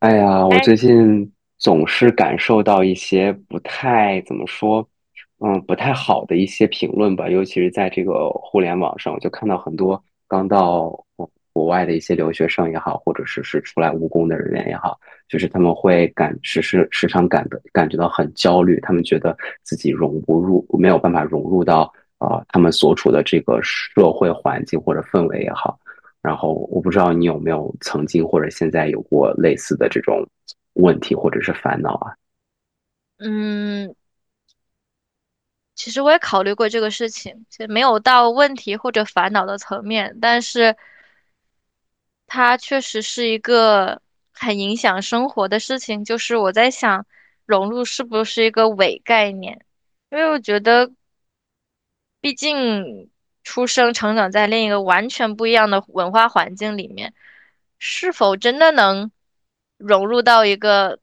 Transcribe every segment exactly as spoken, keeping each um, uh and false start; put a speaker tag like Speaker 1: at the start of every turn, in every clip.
Speaker 1: 哎呀，我
Speaker 2: 哎，
Speaker 1: 最近总是感受到一些不太怎么说，嗯，不太好的一些评论吧，尤其是在这个互联网上，我就看到很多刚到国国外的一些留学生也好，或者是是出来务工的人员也好，就是他们会感时时时常感的感觉到很焦虑，他们觉得自己融不入，没有办法融入到呃他们所处的这个社会环境或者氛围也好。然后我不知道你有没有曾经或者现在有过类似的这种问题或者是烦恼啊？
Speaker 2: 嗯，其实我也考虑过这个事情，其实没有到问题或者烦恼的层面，但是它确实是一个很影响生活的事情。就是我在想，融入是不是一个伪概念？因为我觉得，毕竟出生成长在另一个完全不一样的文化环境里面，是否真的能融入到一个？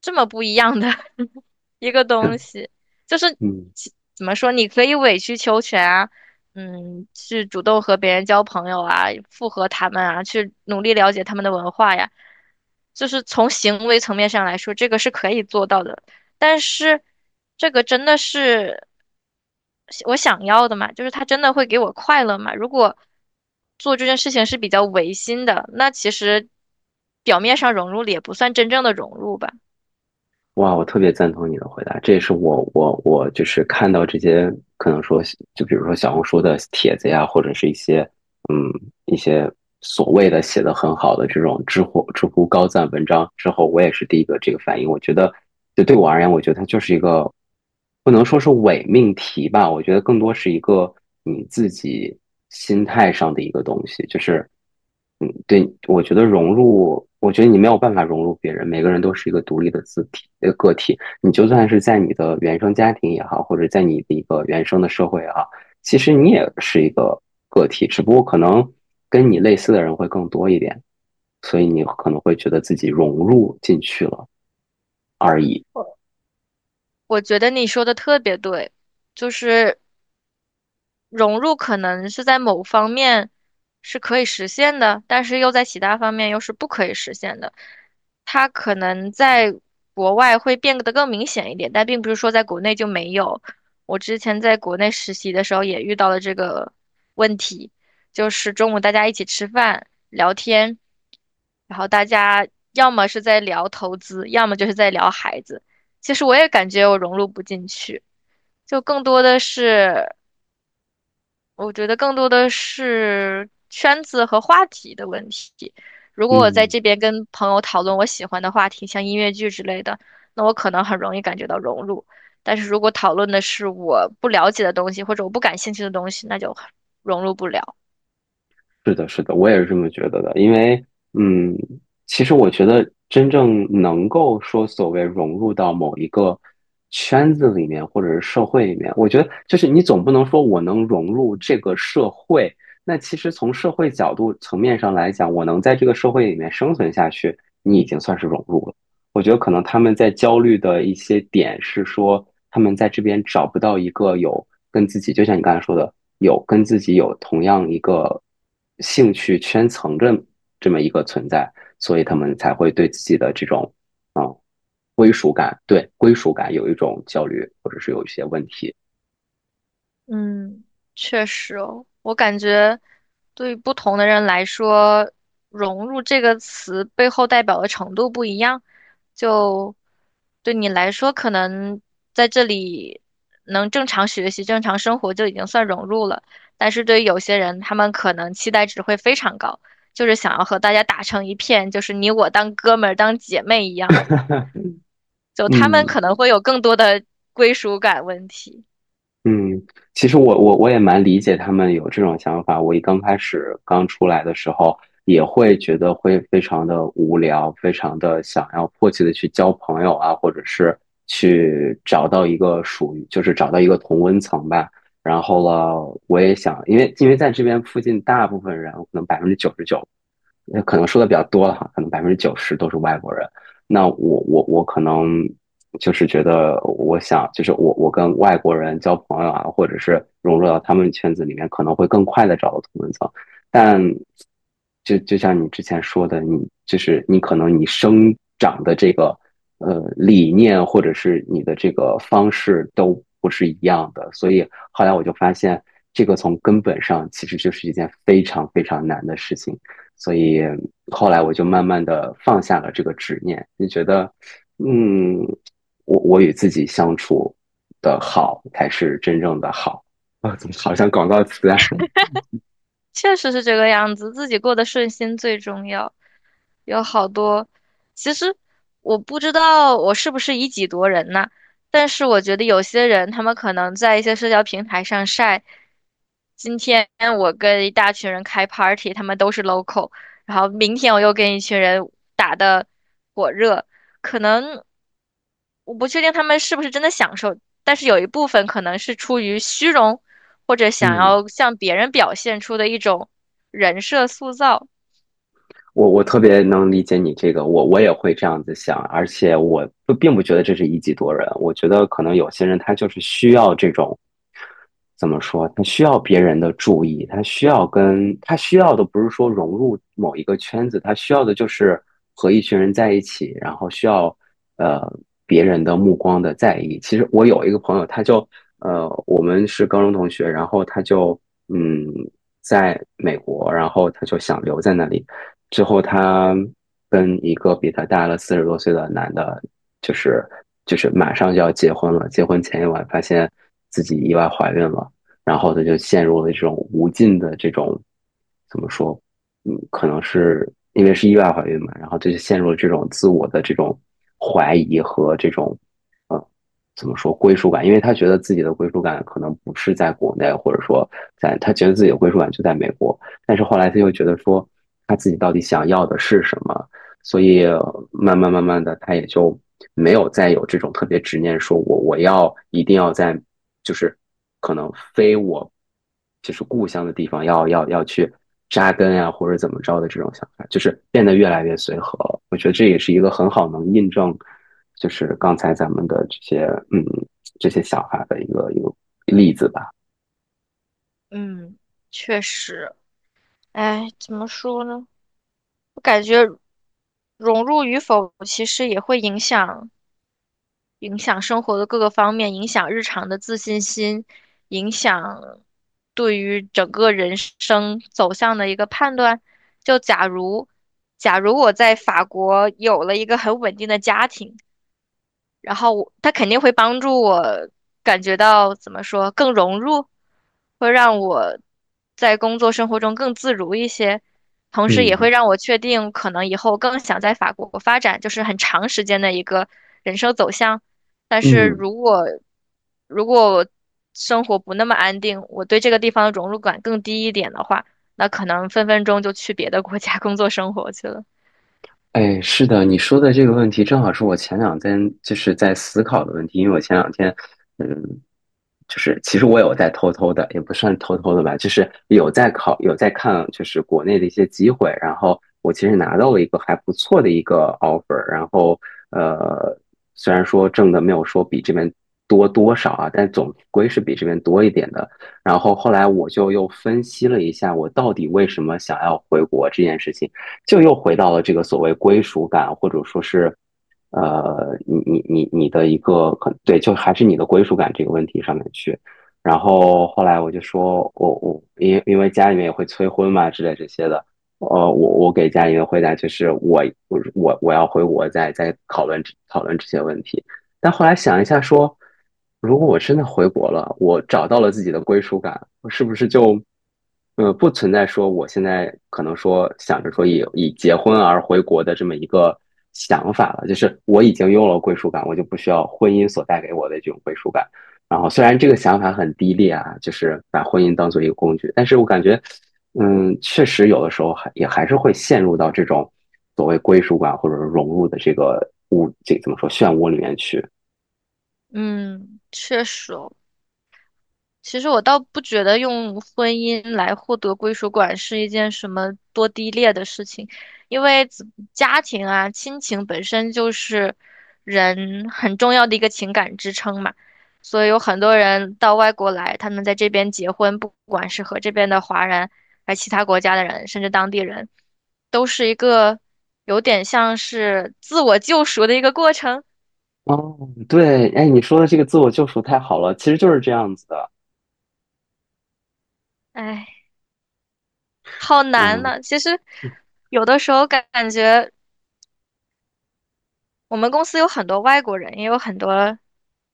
Speaker 2: 这么不一样的 一个东西，就是
Speaker 1: 嗯。
Speaker 2: 其怎么说，你可以委曲求全啊，嗯，去主动和别人交朋友啊，附和他们啊，去努力了解他们的文化呀，就是从行为层面上来说，这个是可以做到的，但是这个真的是我想要的嘛，就是他真的会给我快乐嘛？如果做这件事情是比较违心的，那其实表面上融入了也不算真正的融入吧。
Speaker 1: 哇，我特别赞同你的回答，这也是我我我就是看到这些可能说，就比如说小红书的帖子呀，或者是一些嗯一些所谓的写的很好的这种知乎知乎高赞文章之后，我也是第一个这个反应。我觉得，就对我而言，我觉得它就是一个不能说是伪命题吧，我觉得更多是一个你自己心态上的一个东西，就是嗯，对，我觉得融入，我觉得你没有办法融入别人，每个人都是一个独立的字体，呃，个体。你就算是在你的原生家庭也好，或者在你的一个原生的社会也好，其实你也是一个个体，只不过可能跟你类似的人会更多一点，所以你可能会觉得自己融入进去了而已。
Speaker 2: 我觉得你说的特别对，就是融入可能是在某方面是可以实现的，但是又在其他方面又是不可以实现的。它可能在国外会变得更明显一点，但并不是说在国内就没有。我之前在国内实习的时候也遇到了这个问题，就是中午大家一起吃饭聊天，然后大家要么是在聊投资，要么就是在聊孩子。其实我也感觉我融入不进去。就更多的是，我觉得更多的是圈子和话题的问题。如果我在
Speaker 1: 嗯，
Speaker 2: 这边跟朋友讨论我喜欢的话题，像音乐剧之类的，那我可能很容易感觉到融入。但是如果讨论的是我不了解的东西，或者我不感兴趣的东西，那就很融入不了。
Speaker 1: 是的，是的，我也是这么觉得的。因为，嗯，其实我觉得真正能够说所谓融入到某一个圈子里面，或者是社会里面，我觉得就是你总不能说我能融入这个社会。那其实从社会角度层面上来讲，我能在这个社会里面生存下去，你已经算是融入了。我觉得可能他们在焦虑的一些点是说，他们在这边找不到一个有跟自己，就像你刚才说的，有跟自己有同样一个兴趣圈层的这么一个存在，所以他们才会对自己的这种归属感，对归属感有一种焦虑，或者是有一些问题。
Speaker 2: 嗯，确实哦，我感觉对于不同的人来说，融入这个词背后代表的程度不一样。就对你来说，可能在这里能正常学习、正常生活就已经算融入了。但是对于有些人，他们可能期待值会非常高，就是想要和大家打成一片，就是你我当哥们儿、当姐妹一样。就他们
Speaker 1: 嗯，
Speaker 2: 可能会有更多的归属感问题。
Speaker 1: 嗯，其实我我我也蛮理解他们有这种想法。我一刚开始刚出来的时候，也会觉得会非常的无聊，非常的想要迫切的去交朋友啊，或者是去找到一个属于，就是找到一个同温层吧。然后了，我也想，因为因为在这边附近，大部分人可能百分之九十九呃可能说的比较多了哈，可能百分之九十都是外国人。那我我我可能就是觉得，我想就是我我跟外国人交朋友啊，或者是融入到他们圈子里面，可能会更快的找到同文层。但就就像你之前说的，你就是你可能你生长的这个呃理念，或者是你的这个方式都不是一样的，所以后来我就发现，这个从根本上其实就是一件非常非常难的事情。所以后来我就慢慢的放下了这个执念，就觉得，嗯，我我与自己相处的好才是真正的好啊，怎么好像广告词啊？
Speaker 2: 确实是这个样子，自己过得顺心最重要。有好多，其实我不知道我是不是以己度人呐，但是我觉得有些人他们可能在一些社交平台上晒，今天我跟一大群人开 party,他们都是 local,然后明天我又跟一群人打的火热，可能我不确定他们是不是真的享受，但是有一部分可能是出于虚荣。或者想
Speaker 1: 嗯，
Speaker 2: 要向别人表现出的一种人设塑造。
Speaker 1: 我我特别能理解你这个，我我也会这样子想，而且我不并不觉得这是一己夺人，我觉得可能有些人他就是需要这种，怎么说，他需要别人的注意，他需要跟他需要的不是说融入某一个圈子，他需要的就是和一群人在一起，然后需要呃别人的目光的在意。其实我有一个朋友，他就呃我们是高中同学，然后他就嗯在美国，然后他就想留在那里。最后她跟一个比她大了四十多岁的男的，就是就是马上就要结婚了，结婚前一晚发现自己意外怀孕了，然后她就陷入了这种无尽的这种怎么说，嗯，可能是因为是意外怀孕嘛，然后她就陷入了这种自我的这种怀疑和这种，呃怎么说归属感，因为她觉得自己的归属感可能不是在国内，或者说在她觉得自己的归属感就在美国，但是后来他又觉得说他自己到底想要的是什么，所以慢慢慢慢的他也就没有再有这种特别执念，说我我要一定要在就是可能非我就是故乡的地方要要要去扎根呀、啊或者怎么着的这种想法，就是变得越来越随和了。我觉得这也是一个很好能印证，就是刚才咱们的这些嗯这些想法的一个一个例子吧。
Speaker 2: 嗯，确实，哎，怎么说呢？我感觉融入与否其实也会影响影响生活的各个方面，影响日常的自信心，影响对于整个人生走向的一个判断。就假如，假如我在法国有了一个很稳定的家庭。然后我它肯定会帮助我感觉到怎么说更融入，会让我在工作生活中更自如一些，同时也会
Speaker 1: 嗯
Speaker 2: 让我确定可能以后更想在法国发展，就是很长时间的一个人生走向。但是
Speaker 1: 嗯。
Speaker 2: 如果如果我生活不那么安定，我对这个地方的融入感更低一点的话，那可能分分钟就去别的国家工作生活去了。
Speaker 1: 哎，是的，你说的这个问题正好是我前两天就是在思考的问题，因为我前两天，嗯，就是其实我有在偷偷的，也不算偷偷的吧，就是有在考，有在看，就是国内的一些机会，然后我其实拿到了一个还不错的一个 offer,然后呃，虽然说挣的没有说比这边多多少啊，但总归是比这边多一点的。然后后来我就又分析了一下，我到底为什么想要回国这件事情。就又回到了这个所谓归属感，或者说是，呃，你你你你的一个可对，就还是你的归属感这个问题上面去。然后后来我就说，我我因为因为家里面也会催婚嘛之类这些的，呃，我我给家里面回答就是我我我我要回国再再讨论讨论这些问题。但后来想一下说，如果我真的回国了，我找到了自己的归属感，我是不是就，呃，不存在说我现在可能说想着说以以结婚而回国的这么一个想法了？就是我已经有了归属感，我就不需要婚姻所带给我的这种归属感。然后虽然这个想法很低劣啊，就是把婚姻当做一个工具，但是我感觉，嗯，确实有的时候还也还是会陷入到这种所谓归属感或者是融入的这个物这怎么说漩涡里面去。
Speaker 2: 嗯，确实，其实我倒不觉得用婚姻来获得归属感是一件什么多低劣的事情，因为子家庭啊、亲情本身就是人很重要的一个情感支撑嘛，所以有很多人到外国来，他们在这边结婚，不管是和这边的华人，还是其他国家的人，甚至当地人，都是一个有点像是自我救赎的一个过程。
Speaker 1: 哦，对，哎，你说的这个自我救赎太好了，其实就是这样子的，
Speaker 2: 唉，好难
Speaker 1: 嗯。
Speaker 2: 呐，其实有的时候感感觉。我们公司有很多外国人，也有很多，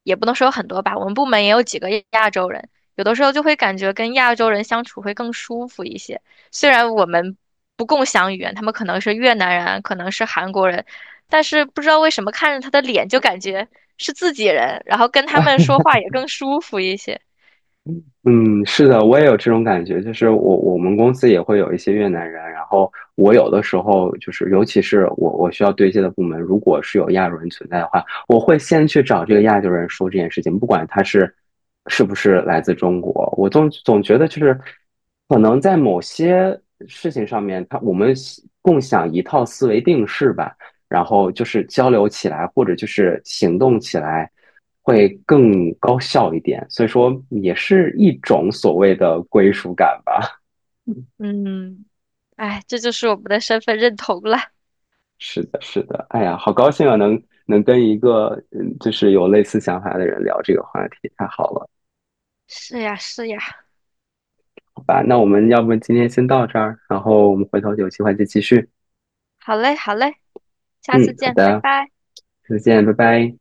Speaker 2: 也不能说有很多吧，我们部门也有几个亚洲人，有的时候就会感觉跟亚洲人相处会更舒服一些。虽然我们不共享语言，他们可能是越南人，可能是韩国人，但是不知道为什么看着他的脸就感觉是自己人，然后跟他们说话也更舒服一些。
Speaker 1: 嗯，是的，我也有这种感觉，就是我我们公司也会有一些越南人，然后我有的时候就是，尤其是我我需要对接的部门，如果是有亚洲人存在的话，我会先去找这个亚洲人说这件事情，不管他是是不是来自中国，我总总觉得就是可能在某些事情上面，他我们共享一套思维定式吧，然后就是交流起来或者就是行动起来。会更高效一点，所以说也是一种所谓的归属感吧。
Speaker 2: 嗯，哎，这就是我们的身份认同了。
Speaker 1: 是的，是的，哎呀，好高兴啊，能能跟一个嗯，就是有类似想法的人聊这个话题，太好了，
Speaker 2: 是呀，是呀。
Speaker 1: 好吧？那我们要不今天先到这儿，然后我们回头有机会再继续。
Speaker 2: 好嘞，好嘞，下次
Speaker 1: 嗯，好
Speaker 2: 见，拜
Speaker 1: 的，
Speaker 2: 拜。
Speaker 1: 再见，拜拜。